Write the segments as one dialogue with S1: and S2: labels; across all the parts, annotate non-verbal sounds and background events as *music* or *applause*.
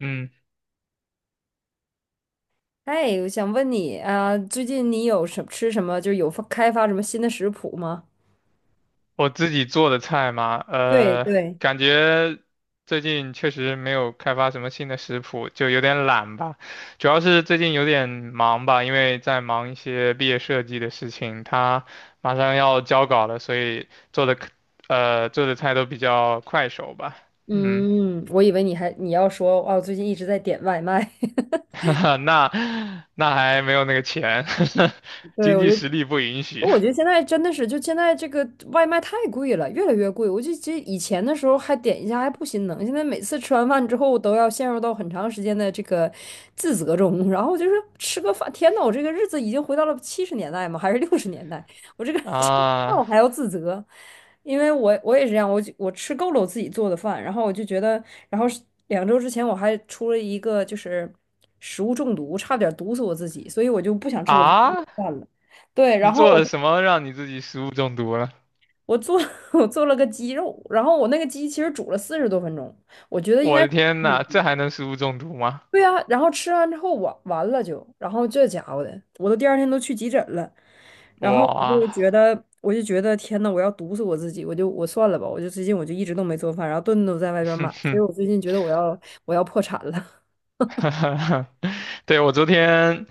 S1: 嗯，
S2: 哎，我想问你啊，最近你吃什么，就是开发什么新的食谱吗？
S1: 我自己做的菜嘛，
S2: 对对。
S1: 感觉最近确实没有开发什么新的食谱，就有点懒吧。主要是最近有点忙吧，因为在忙一些毕业设计的事情，他马上要交稿了，所以做的可做的菜都比较快手吧。嗯，
S2: 嗯，我以为你要说，哦，最近一直在点外卖。*laughs*
S1: *laughs* 那那还没有那个钱，*laughs*
S2: 对，
S1: 经
S2: 我
S1: 济
S2: 就。
S1: 实力不允许
S2: 我觉得现在真的是，就现在这个外卖太贵了，越来越贵。我就记得以前的时候还点一下还不心疼，现在每次吃完饭之后都要陷入到很长时间的这个自责中。然后就是吃个饭，天呐，我这个日子已经回到了70年代吗？还是60年代？我这个 *laughs* 吃饭
S1: 啊
S2: 我还要自责，因为我也是这样，我就我吃够了我自己做的饭，然后我就觉得，然后是两周之前我还出了一个就是食物中毒，差点毒死我自己，所以我就不想吃我自己的
S1: 啊！
S2: 饭了。对，
S1: 你
S2: 然后
S1: 做
S2: 我。
S1: 了
S2: 就。
S1: 什么让你自己食物中毒了？
S2: 我做 *laughs* 我做了个鸡肉，然后我那个鸡其实煮了40多分钟，我觉得应
S1: 我
S2: 该
S1: 的天呐，这还能食物中毒吗？
S2: 对啊，然后吃完之后完了就，然后这家伙的，我都第二天都去急诊了，然后我
S1: 哇，
S2: 就觉得我就觉得天呐，我要毒死我自己，我算了吧，我就最近我就一直都没做饭，然后顿顿都在外边买，
S1: 哼
S2: 所以
S1: 哼，
S2: 我最近觉得我要破产了。
S1: *laughs* 对，我昨天，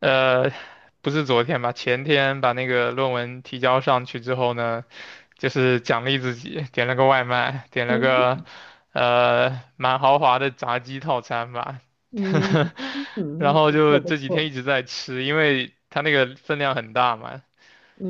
S1: 呃，不是昨天吧，前天把那个论文提交上去之后呢，就是奖励自己，点了个外卖，点
S2: *laughs*
S1: 了个
S2: 嗯
S1: 蛮豪华的炸鸡套餐吧，
S2: 嗯
S1: *laughs* 然
S2: 嗯，
S1: 后
S2: 不
S1: 就
S2: 错不
S1: 这几天
S2: 错。
S1: 一直在吃，因为它那个分量很大嘛，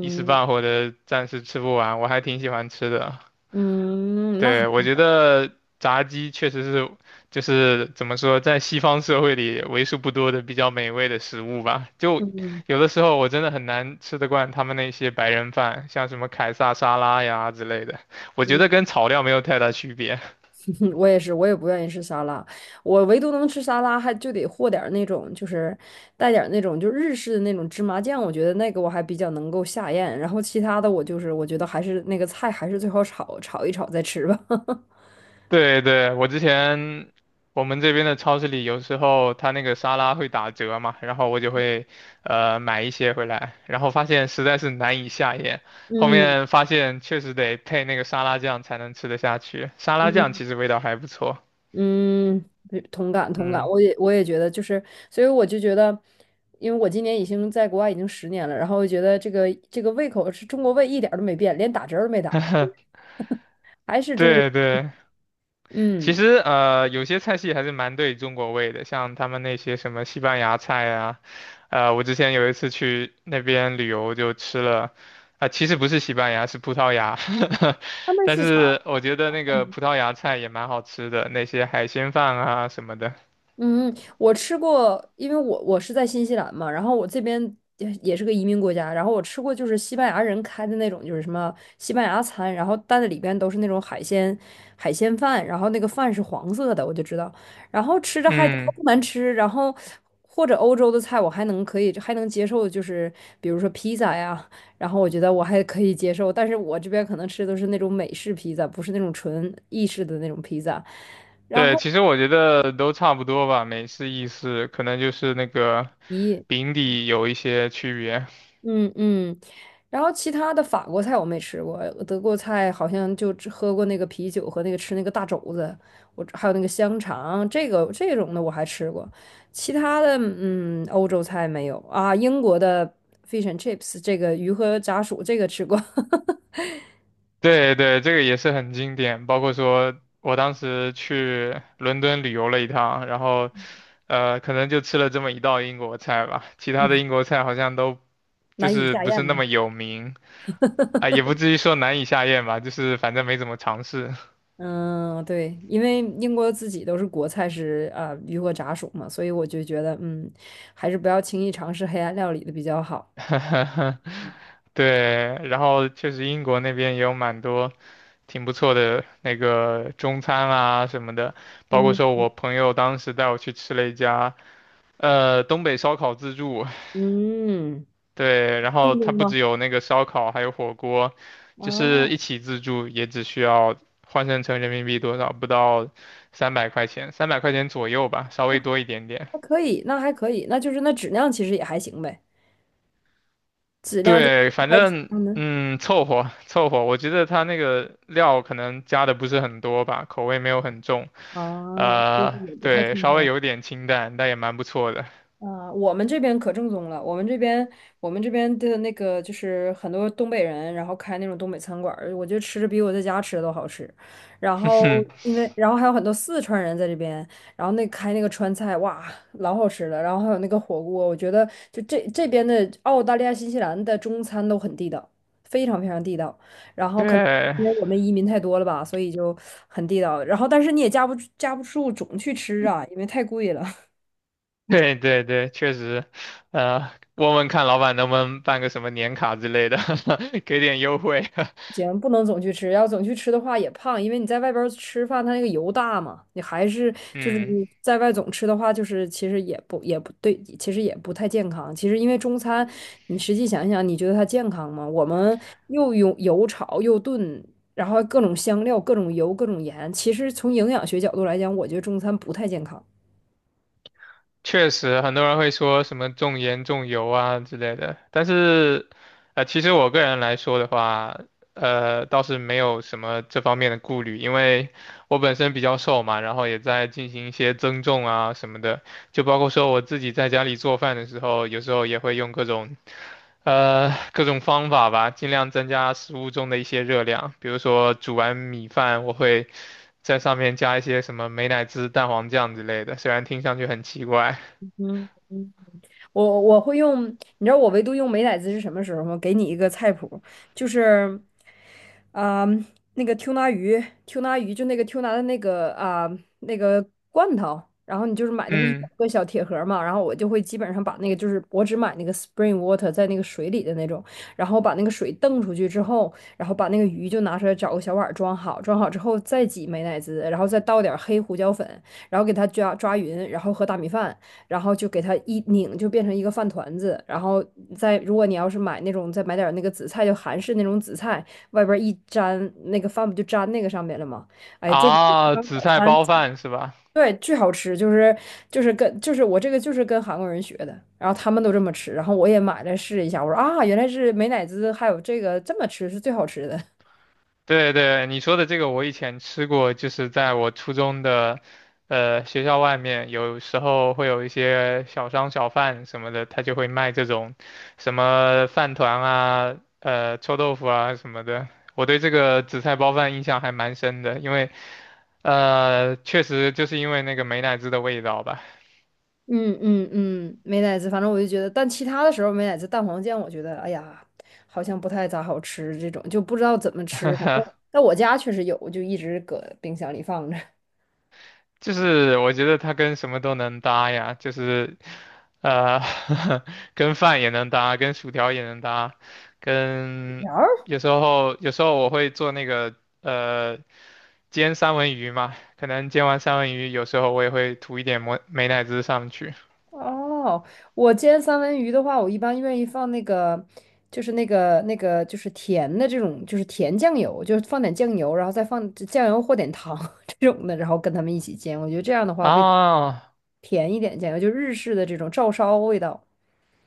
S1: 一时半会儿的暂时吃不完，我还挺喜欢吃的。
S2: 嗯，那好。
S1: 对，我觉得炸鸡确实是，就是怎么说，在西方社会里为数不多的比较美味的食物吧。就
S2: 嗯
S1: 有的时候我真的很难吃得惯他们那些白人饭，像什么凯撒沙拉呀之类的，我觉
S2: 嗯。
S1: 得跟炒料没有太大区别。
S2: 嗯，我也是，我也不愿意吃沙拉，我唯独能吃沙拉，还就得和点儿那种，就是带点儿那种就日式的那种芝麻酱，我觉得那个我还比较能够下咽，然后其他的我就是我觉得还是那个菜还是最好炒一炒再吃吧。*laughs*
S1: 对对，我之前我们这边的超市里有时候它那个沙拉会打折嘛，然后我就会买一些回来，然后发现实在是难以下咽，后
S2: 嗯
S1: 面发现确实得配那个沙拉酱才能吃得下去，沙拉酱
S2: 嗯
S1: 其实味道还不错。
S2: 嗯，对，同感同感，
S1: 嗯，
S2: 我也觉得就是，所以我就觉得，因为我今年已经在国外已经十年了，然后我觉得这个胃口是中国胃一点儿都没变，连打折儿都没打，还是中国。
S1: 对对，其
S2: 嗯。
S1: 实有些菜系还是蛮对中国味的，像他们那些什么西班牙菜啊，我之前有一次去那边旅游就吃了，啊、其实不是西班牙，是葡萄牙，
S2: 他
S1: *laughs*
S2: 们
S1: 但
S2: 是啥？
S1: 是我觉得那个葡萄牙菜也蛮好吃的，那些海鲜饭啊什么的。
S2: 嗯，我吃过，因为我是在新西兰嘛，然后我这边也是个移民国家，然后我吃过就是西班牙人开的那种，就是什么西班牙餐，然后但是里边都是那种海鲜饭，然后那个饭是黄色的，我就知道，然后吃着还
S1: 嗯，
S2: 不难吃，然后或者欧洲的菜我还能接受，就是比如说披萨呀，然后我觉得我还可以接受，但是我这边可能吃的都是那种美式披萨，不是那种纯意式的那种披萨。
S1: 对，其实我觉得都差不多吧，美式、意式，可能就是那个
S2: 咦。
S1: 饼底有一些区别。
S2: 嗯嗯，然后其他的法国菜我没吃过，德国菜好像就只喝过那个啤酒和那个吃那个大肘子，我还有那个香肠，这个这种的我还吃过，其他的嗯欧洲菜没有啊，英国的 fish and chips 这个鱼和炸薯这个吃过。*laughs*
S1: 对对，这个也是很经典。包括说我当时去伦敦旅游了一趟，然后可能就吃了这么一道英国菜吧，其他的
S2: 嗯，
S1: 英国菜好像都就
S2: 难以
S1: 是
S2: 下
S1: 不是
S2: 咽
S1: 那
S2: 嘛。
S1: 么有名啊，也不至于说难以下咽吧，就是反正没怎么尝试。
S2: 嗯，对，因为英国自己都是国菜是啊、鱼和炸薯嘛，所以我就觉得嗯，还是不要轻易尝试黑暗料理的比较好。
S1: *laughs* 对，然后确实英国那边也有蛮多挺不错的那个中餐啊什么的，包括
S2: 嗯
S1: 说我朋友当时带我去吃了一家东北烧烤自助，
S2: 嗯。
S1: 对，然
S2: 正
S1: 后它
S2: 冰
S1: 不
S2: 吗？
S1: 只有那个烧烤，还有火锅，就是
S2: 啊，
S1: 一起自助也只需要换算成人民币多少，不到三百块钱，三百块钱左右吧，稍微多一点点。
S2: 还可以，那还可以，那就是那质量其实也还行呗，质量就
S1: 对，反
S2: 还质
S1: 正
S2: 量呢？
S1: 嗯，凑合凑合。我觉得它那个料可能加的不是很多吧，口味没有很重，
S2: 啊，就是也不太
S1: 对，
S2: 正
S1: 稍微
S2: 宗。
S1: 有点清淡，但也蛮不错的。
S2: 啊、我们这边可正宗了。我们这边，我们这边的那个就是很多东北人，然后开那种东北餐馆儿我觉得吃着比我在家吃的都好吃。然后，
S1: *laughs*
S2: 因为然后还有很多四川人在这边，然后那开那个川菜，哇，老好吃了。然后还有那个火锅，我觉得就这边的澳大利亚、新西兰的中餐都很地道，非常非常地道。然后可能
S1: 对，
S2: 因为我们移民太多了吧，所以就很地道。然后但是你也架不住总去吃啊，因为太贵了。
S1: *laughs* 对对对，确实，问问看老板能不能办个什么年卡之类的，*laughs* 给点优惠。
S2: 行，不能总去吃，要总去吃的话也胖，因为你在外边儿吃饭，它那个油大嘛，你还是
S1: *laughs*
S2: 就是
S1: 嗯，
S2: 你在外总吃的话，就是其实也不对，其实也不太健康。其实因为中餐，你实际想一想，你觉得它健康吗？我们又用油炒又炖，然后各种香料、各种油、各种盐，其实从营养学角度来讲，我觉得中餐不太健康。
S1: 确实，很多人会说什么重盐重油啊之类的，但是，其实我个人来说的话，倒是没有什么这方面的顾虑，因为我本身比较瘦嘛，然后也在进行一些增重啊什么的，就包括说我自己在家里做饭的时候，有时候也会用各种。各种方法吧，尽量增加食物中的一些热量。比如说煮完米饭，我会在上面加一些什么美乃滋、蛋黄酱之类的，虽然听上去很奇怪。
S2: 嗯。我会用，你知道我唯独用美乃滋是什么时候吗？给你一个菜谱，就是，啊、那个 tuna 鱼，tuna 鱼就那个 tuna 的那个那个罐头，然后你就是买那么一小
S1: 嗯，
S2: 个小铁盒儿嘛，然后我就会基本上把那个就是我只买那个 spring water 在那个水里的那种，然后把那个水蹬出去之后，然后把那个鱼就拿出来找个小碗儿装好，装好之后再挤美乃滋，然后再倒点儿黑胡椒粉，然后给它抓抓匀，然后和大米饭。然后就给它一拧，就变成一个饭团子。然后再如果你要是买那种，再买点那个紫菜，就韩式那种紫菜，外边一粘，那个饭不就粘那个上面了吗？哎，这个
S1: 啊，
S2: 当
S1: 紫
S2: 早
S1: 菜
S2: 餐，
S1: 包饭是吧？
S2: 对，巨好吃，就是跟我这个就是跟韩国人学的，然后他们都这么吃，然后我也买来试一下，我说啊，原来是美乃滋还有这个这么吃是最好吃的。
S1: 对对，你说的这个我以前吃过，就是在我初中的，学校外面，有时候会有一些小商小贩什么的，他就会卖这种什么饭团啊、臭豆腐啊什么的。我对这个紫菜包饭印象还蛮深的，因为确实就是因为那个美乃滋的味道吧，
S2: 嗯嗯嗯，美乃滋，反正我就觉得，但其他的时候美乃滋蛋黄酱，我觉得哎呀，好像不太咋好吃，这种就不知道怎么吃。反正在我家确实有，我就一直搁冰箱里放着。
S1: 就是我觉得它跟什么都能搭呀，就是呃，*laughs* 跟饭也能搭，跟薯条也能搭，跟
S2: *laughs*
S1: 有时候我会做那个呃煎三文鱼嘛，可能煎完三文鱼，有时候我也会涂一点美乃滋上去
S2: 哦，我煎三文鱼的话，我一般愿意放那个，就是那个就是甜的这种，就是甜酱油，就是放点酱油，然后再放酱油或点糖 *laughs* 这种的，然后跟他们一起煎。我觉得这样的话，
S1: 啊，
S2: 味道
S1: 哦
S2: 甜一点，酱油就日式的这种照烧味道，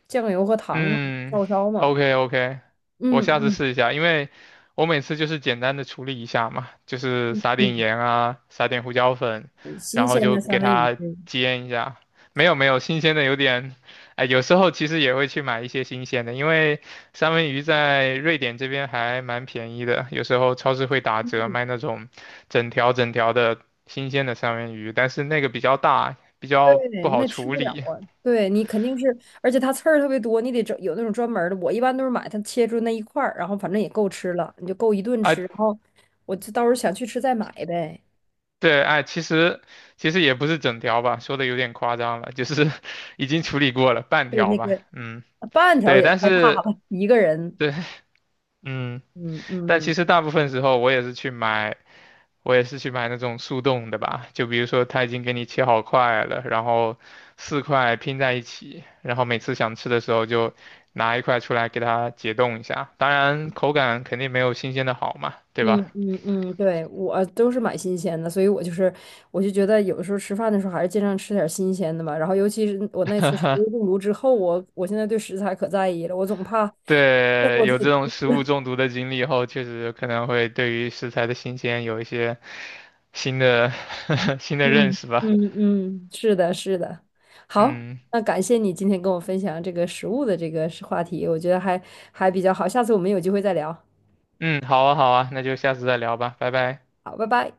S2: 酱油和糖嘛，
S1: 嗯
S2: 照烧嘛。
S1: ，OK OK，我下次
S2: 嗯。
S1: 试一下，因为我每次就是简单的处理一下嘛，就是撒点
S2: 嗯，
S1: 盐啊，撒点胡椒粉，
S2: 新
S1: 然后
S2: 鲜
S1: 就
S2: 的三
S1: 给
S2: 文
S1: 它
S2: 鱼。
S1: 煎一下。没有没有，新鲜的有点，哎，有时候其实也会去买一些新鲜的，因为三文鱼在瑞典这边还蛮便宜的，有时候超市会打折卖那种整条整条的新鲜的三文鱼，但是那个比较大，比较不
S2: 对，
S1: 好
S2: 那吃
S1: 处
S2: 不了
S1: 理。
S2: 啊。对你肯定是，而且它刺儿特别多，你得找有那种专门儿的。我一般都是买它切出那一块儿，然后反正也够吃了，你就够一顿
S1: 啊，
S2: 吃。然后我就到时候想去吃再买呗。
S1: 对，哎，其实也不是整条吧，说的有点夸张了，就是 *laughs* 已经处理过了半
S2: 对，
S1: 条
S2: 那
S1: 吧，
S2: 个
S1: 嗯，
S2: 半条
S1: 对，
S2: 也
S1: 但
S2: 太大
S1: 是
S2: 了，一个人。
S1: 对，嗯，
S2: 嗯
S1: 但
S2: 嗯
S1: 其实大部分时候我也是去买，我也是去买那种速冻的吧，就比如说他已经给你切好块了，然后4块拼在一起，然后每次想吃的时候就拿一块出来给它解冻一下，当然口感肯定没有新鲜的好嘛，对
S2: 嗯
S1: 吧？
S2: 嗯嗯，对，我都是买新鲜的，所以我就是我就觉得有的时候吃饭的时候还是尽量吃点新鲜的吧。然后尤其是我那次食物中毒之后，我现在对食材可在意了，我总怕再给
S1: 对，
S2: 我自
S1: 有
S2: 己。
S1: 这种食物中毒的经历后，确实可能会对于食材的新鲜有一些新的 *laughs* 新的认
S2: 嗯
S1: 识吧。
S2: 嗯嗯，是的，是的。好，
S1: 嗯
S2: 那感谢你今天跟我分享这个食物的这个是话题，我觉得还比较好。下次我们有机会再聊。
S1: 嗯，好啊好啊，那就下次再聊吧，拜拜。
S2: 好，拜拜。